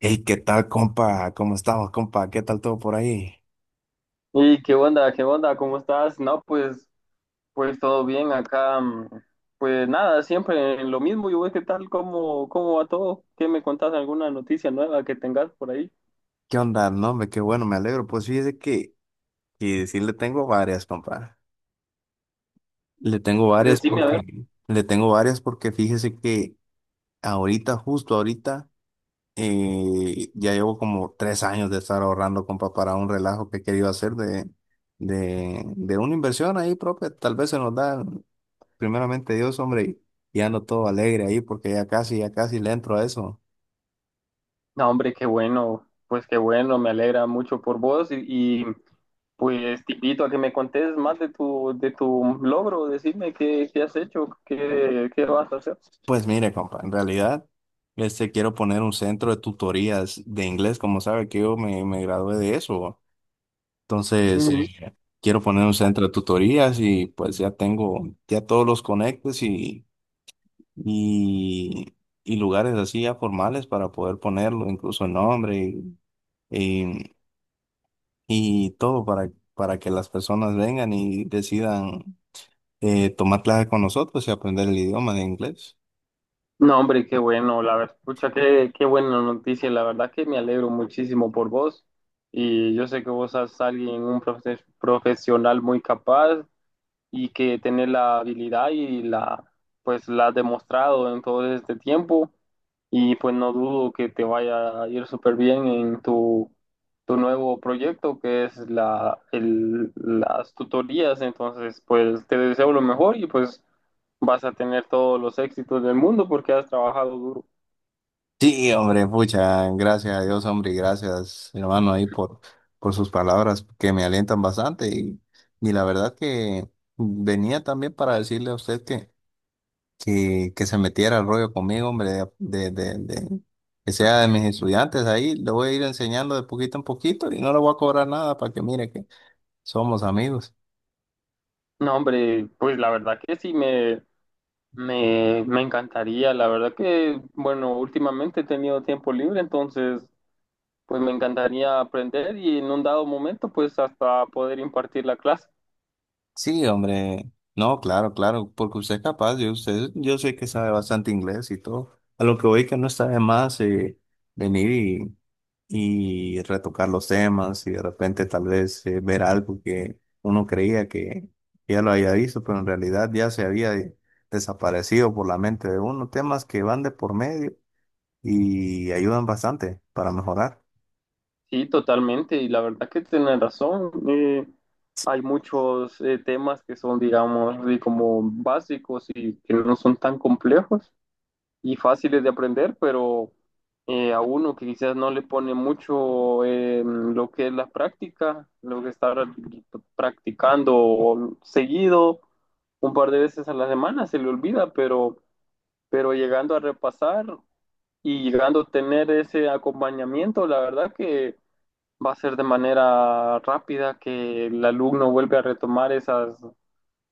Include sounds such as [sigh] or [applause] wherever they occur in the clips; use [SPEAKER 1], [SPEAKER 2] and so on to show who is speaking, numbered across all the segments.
[SPEAKER 1] Hey, ¿qué tal, compa? ¿Cómo estamos, compa? ¿Qué tal todo por ahí?
[SPEAKER 2] ¿Y qué onda? ¿Qué onda? ¿Cómo estás? No, pues todo bien acá. Pues nada, siempre lo mismo. Yo voy, ¿qué tal? ¿Cómo va todo? ¿Qué me contás? ¿Alguna noticia nueva que tengas por ahí?
[SPEAKER 1] ¿Qué onda? No, hombre, qué bueno, me alegro. Pues fíjese que sí le tengo varias, compa. Le tengo varias
[SPEAKER 2] Decime, a ver.
[SPEAKER 1] porque, le tengo varias porque fíjese que ahorita, justo ahorita, ya llevo como 3 años de estar ahorrando, compa, para un relajo que he querido hacer de, de una inversión ahí propia. Tal vez se nos da, primeramente Dios, hombre, y ando todo alegre ahí porque ya casi le entro a eso.
[SPEAKER 2] No, hombre, qué bueno. Pues qué bueno, me alegra mucho por vos y pues te invito a que me contés más de tu logro. Decime qué has hecho, qué vas a hacer.
[SPEAKER 1] Pues mire, compa, en realidad, quiero poner un centro de tutorías de inglés, como sabe que yo me gradué de eso. Entonces, quiero poner un centro de tutorías y pues ya tengo ya todos los conectes y, y lugares así ya formales para poder ponerlo, incluso nombre y, y todo para, que las personas vengan y decidan tomar clases con nosotros y aprender el idioma de inglés.
[SPEAKER 2] No, hombre, qué bueno, la verdad, pucha, qué buena noticia, la verdad que me alegro muchísimo por vos y yo sé que vos sos alguien, un profesional muy capaz y que tiene la habilidad y pues la ha demostrado en todo este tiempo y pues no dudo que te vaya a ir súper bien en tu nuevo proyecto, que es las tutorías. Entonces, pues te deseo lo mejor y pues vas a tener todos los éxitos del mundo porque has trabajado duro.
[SPEAKER 1] Sí, hombre, pucha, gracias a Dios, hombre, y gracias, hermano, ahí por, sus palabras que me alientan bastante. Y la verdad que venía también para decirle a usted que se metiera al rollo conmigo, hombre, que sea de mis estudiantes ahí. Le voy a ir enseñando de poquito en poquito y no le voy a cobrar nada para que mire que somos amigos.
[SPEAKER 2] No, hombre, pues la verdad que sí me encantaría. La verdad que, bueno, últimamente he tenido tiempo libre, entonces pues me encantaría aprender y en un dado momento pues hasta poder impartir la clase.
[SPEAKER 1] Sí, hombre. No, claro, claro, porque usted es capaz, usted, yo sé que sabe bastante inglés y todo. A lo que voy que no está de más venir y retocar los temas y de repente tal vez ver algo que uno creía que ya lo había visto, pero en realidad ya se había desaparecido por la mente de uno. Temas que van de por medio y ayudan bastante para mejorar.
[SPEAKER 2] Sí, totalmente, y la verdad que tienen razón. Hay muchos temas que son, digamos, de como básicos y que no son tan complejos y fáciles de aprender. Pero a uno que quizás no le pone mucho lo que es la práctica, lo que está practicando seguido un par de veces a la semana, se le olvida. Pero llegando a repasar y llegando a tener ese acompañamiento, la verdad que va a ser de manera rápida que el alumno vuelve a retomar esas,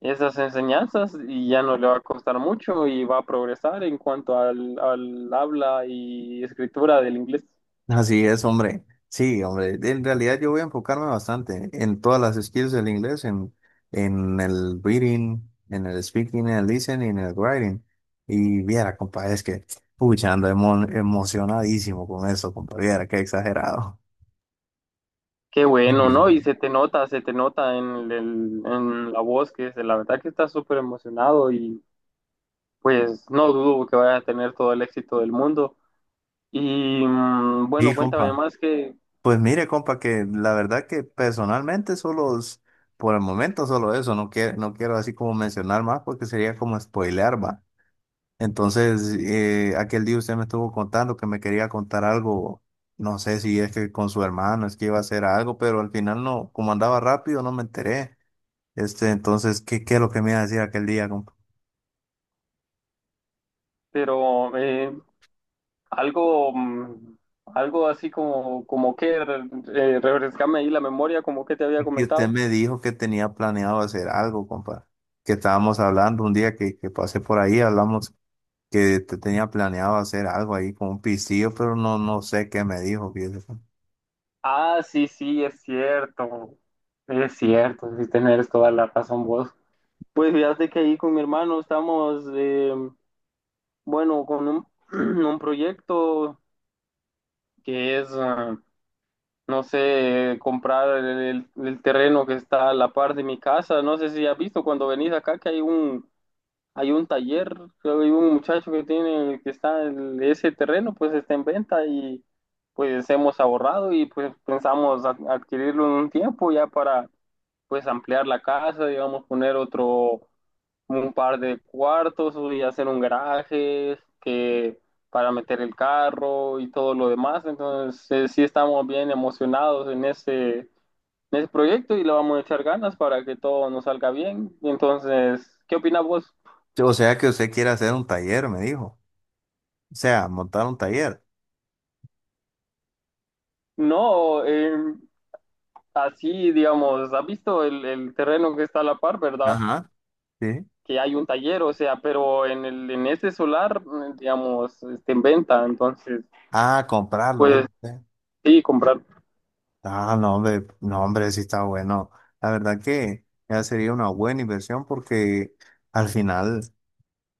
[SPEAKER 2] esas enseñanzas y ya no le va a costar mucho y va a progresar en cuanto al habla y escritura del inglés.
[SPEAKER 1] Así es, hombre. Sí, hombre. En realidad yo voy a enfocarme bastante en todas las skills del inglés, en, el reading, en el speaking, en el listening, en el writing. Y viera, compa, es que, pucha, ando emocionadísimo con eso, compa. Viera, qué exagerado.
[SPEAKER 2] Qué
[SPEAKER 1] Sí,
[SPEAKER 2] bueno, ¿no? Y se te nota en, en la voz, que es, la verdad que estás súper emocionado y pues no dudo que vaya a tener todo el éxito del mundo. Y bueno,
[SPEAKER 1] sí,
[SPEAKER 2] cuéntame
[SPEAKER 1] compa.
[SPEAKER 2] más que,
[SPEAKER 1] Pues mire, compa, que la verdad que personalmente solo, por el momento solo eso, no quiero, no quiero así como mencionar más porque sería como spoilear, va. Entonces, aquel día usted me estuvo contando que me quería contar algo, no sé si es que con su hermano, es que iba a hacer algo, pero al final no, como andaba rápido, no me enteré. Este, entonces, ¿qué, es lo que me iba a decir aquel día, compa?
[SPEAKER 2] pero algo, mm, algo así como que refrescame ahí la memoria, como que te había
[SPEAKER 1] Y que usted
[SPEAKER 2] comentado.
[SPEAKER 1] me dijo que tenía planeado hacer algo, compa, que estábamos hablando un día que pasé por ahí, hablamos que te tenía planeado hacer algo ahí con un pistillo, pero no, no sé qué me dijo, fíjese, compa.
[SPEAKER 2] Ah, sí, sí, es cierto, sí tenés toda la razón vos. Pues fíjate que ahí con mi hermano estamos, bueno, con un, [clears throat] un proyecto que es, no sé, comprar el terreno que está a la par de mi casa. No sé si has visto cuando venís acá que hay un taller. Creo que hay un muchacho que tiene, que está en ese terreno. Pues está en venta y pues hemos ahorrado y pues pensamos adquirirlo en un tiempo ya para pues ampliar la casa, digamos, poner otro, un par de cuartos y hacer un garaje que para meter el carro y todo lo demás. Entonces, sí estamos bien emocionados en ese proyecto y le vamos a echar ganas para que todo nos salga bien. Entonces, ¿qué opinas vos?
[SPEAKER 1] O sea que usted quiere hacer un taller, me dijo. O sea, montar un taller.
[SPEAKER 2] No, así, digamos, has visto el terreno que está a la par, ¿verdad?
[SPEAKER 1] Ajá. Sí.
[SPEAKER 2] Que hay un taller, o sea, pero en ese solar, digamos, está en venta. Entonces,
[SPEAKER 1] Ah, comprarlo,
[SPEAKER 2] pues
[SPEAKER 1] ¿viste?
[SPEAKER 2] sí, comprar.
[SPEAKER 1] Ah, no, hombre, no, hombre, sí está bueno. La verdad que ya sería una buena inversión porque al final,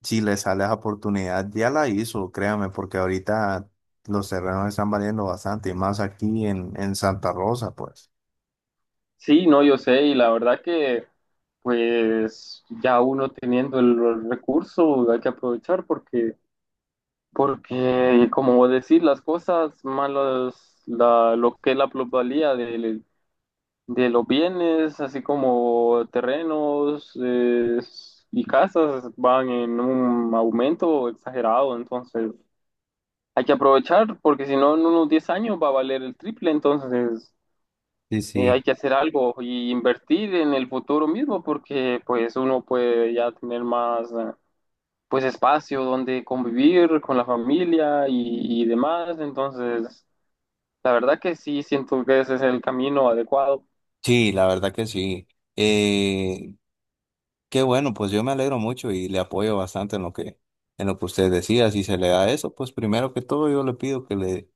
[SPEAKER 1] si le sale esa oportunidad, ya la hizo, créame, porque ahorita los terrenos están valiendo bastante, y más aquí en, Santa Rosa, pues.
[SPEAKER 2] Sí, no, yo sé, y la verdad que, pues, ya uno teniendo el recurso, hay que aprovechar. Porque, como decir, las cosas malas, lo que es la plusvalía del de los bienes, así como terrenos y casas, van en un aumento exagerado. Entonces, hay que aprovechar porque si no, en unos 10 años va a valer el triple. Entonces,
[SPEAKER 1] Sí,
[SPEAKER 2] hay
[SPEAKER 1] sí.
[SPEAKER 2] que hacer algo y invertir en el futuro mismo, porque pues uno puede ya tener más pues espacio donde convivir con la familia y demás. Entonces, la verdad que sí siento que ese es el camino adecuado.
[SPEAKER 1] Sí, la verdad que sí. Eh, qué bueno, pues yo me alegro mucho y le apoyo bastante en lo que, usted decía. Si se le da eso, pues primero que todo yo le pido que le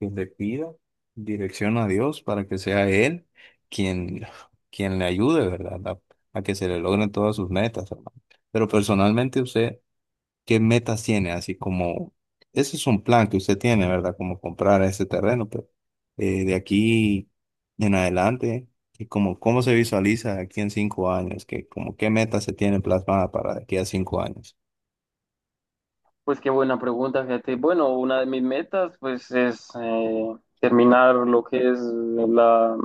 [SPEAKER 1] que le pida dirección a Dios para que sea Él quien, quien le ayude, ¿verdad? A que se le logren todas sus metas, hermano. Pero personalmente usted, ¿qué metas tiene? Así como, ese es un plan que usted tiene, ¿verdad? Como comprar ese terreno, pero de aquí en adelante, ¿y cómo se visualiza aquí en 5 años? ¿Qué metas se tiene plasmada para de aquí a 5 años?
[SPEAKER 2] Pues qué buena pregunta, fíjate. Bueno, una de mis metas, pues, es terminar lo que es la,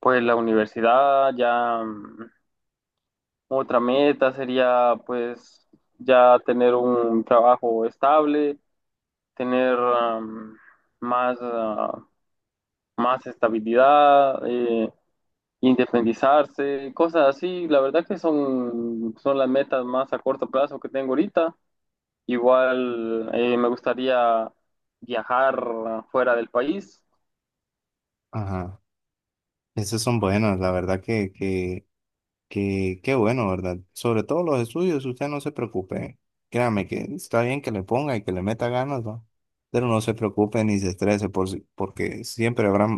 [SPEAKER 2] pues, la universidad. Ya otra meta sería, pues, ya tener un trabajo estable, tener más, ah, más estabilidad, independizarse, cosas así. La verdad que son las metas más a corto plazo que tengo ahorita. Igual me gustaría viajar fuera del país.
[SPEAKER 1] Ajá. Esas son buenas, la verdad que. Qué bueno, ¿verdad? Sobre todo los estudios, usted no se preocupe. Créame que está bien que le ponga y que le meta ganas, ¿va? Pero no se preocupe ni se estrese por, si- porque siempre habrá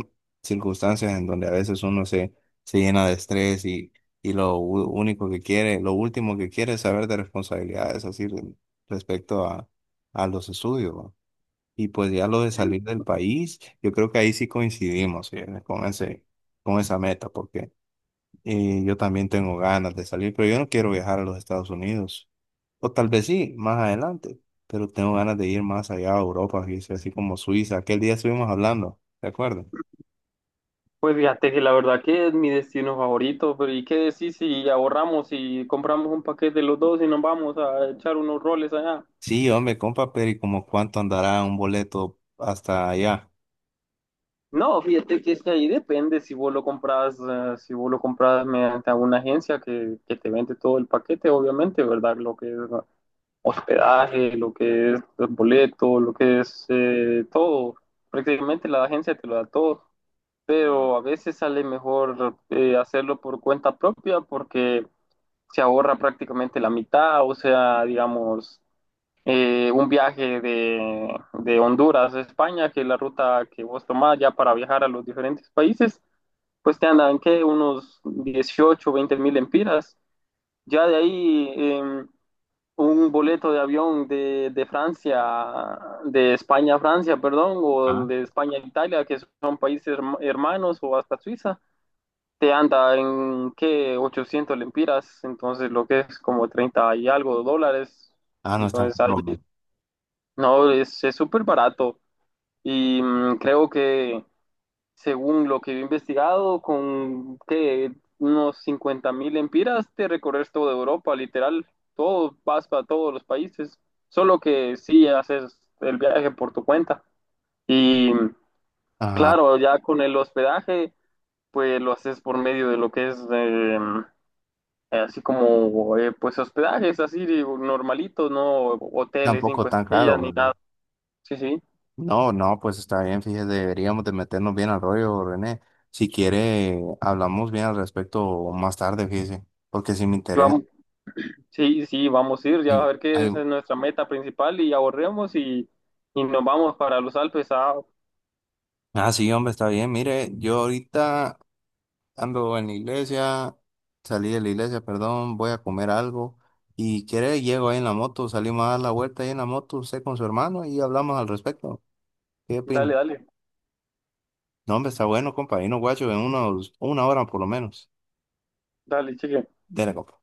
[SPEAKER 1] circunstancias en donde a veces uno se llena de estrés y lo único que quiere, lo último que quiere es saber de responsabilidades, así respecto a los estudios, ¿va? Y pues ya lo de salir del país, yo creo que ahí sí coincidimos, ¿sí? Con ese, con esa meta, porque... Y yo también tengo ganas de salir, pero yo no quiero viajar a los Estados Unidos. O tal vez sí, más adelante. Pero tengo ganas de ir más allá a Europa, fíjese, así como Suiza. Aquel día estuvimos hablando, ¿de acuerdo?
[SPEAKER 2] Pues fíjate que la verdad que es mi destino favorito, pero ¿y qué decís si ahorramos y compramos un paquete los dos y nos vamos a echar unos roles allá?
[SPEAKER 1] Sí, hombre, compa, pero ¿y como cuánto andará un boleto hasta allá?
[SPEAKER 2] No, fíjate que es que ahí depende si vos lo compras, si vos lo compras mediante alguna agencia que te vende todo el paquete, obviamente, ¿verdad? Lo que es hospedaje, lo que es el boleto, lo que es todo. Prácticamente la agencia te lo da todo. Pero a veces sale mejor hacerlo por cuenta propia porque se ahorra prácticamente la mitad, o sea, digamos, un viaje de Honduras a España, que es la ruta que vos tomás ya para viajar a los diferentes países, pues te andan, ¿qué? Unos 18, 20,000 empiras. Ya de ahí, un boleto de avión de Francia, de España a Francia, perdón, o
[SPEAKER 1] Ah,
[SPEAKER 2] de España a Italia, que son países hermanos, o hasta Suiza te anda en que 800 lempiras, entonces lo que es como 30 y algo dólares.
[SPEAKER 1] ah, no es tan
[SPEAKER 2] Entonces ahí,
[SPEAKER 1] caro, ¿no?
[SPEAKER 2] no, es súper barato. Y creo que según lo que he investigado, con que unos 50 mil lempiras te recorres toda Europa, literal, todo, vas para todos los países. Solo que sí haces el viaje por tu cuenta. Y
[SPEAKER 1] Ajá,
[SPEAKER 2] claro, ya con el hospedaje, pues lo haces por medio de lo que es así como pues hospedajes, así digo, normalitos, no hoteles
[SPEAKER 1] tampoco
[SPEAKER 2] cinco
[SPEAKER 1] tan caro,
[SPEAKER 2] estrellas ni
[SPEAKER 1] ¿verdad?
[SPEAKER 2] nada. Sí, sí.
[SPEAKER 1] No, no, pues está bien, fíjese, deberíamos de meternos bien al rollo, René. Si quiere, hablamos bien al respecto más tarde, fíjese, porque si me
[SPEAKER 2] Y
[SPEAKER 1] interesa.
[SPEAKER 2] vamos, sí, sí, vamos a ir. Ya
[SPEAKER 1] Ay,
[SPEAKER 2] a ver qué
[SPEAKER 1] ay,
[SPEAKER 2] es nuestra meta principal y ahorremos y nos vamos para los Alpes. Ah,
[SPEAKER 1] ah, sí, hombre, está bien. Mire, yo ahorita ando en la iglesia, salí de la iglesia, perdón, voy a comer algo. Y quiere, llego ahí en la moto, salimos a dar la vuelta ahí en la moto, usted con su hermano y hablamos al respecto. ¿Qué opina?
[SPEAKER 2] dale, dale,
[SPEAKER 1] No, hombre, está bueno, compa. Y no, guacho, una hora por lo menos.
[SPEAKER 2] dale, cheque.
[SPEAKER 1] Dele, compa.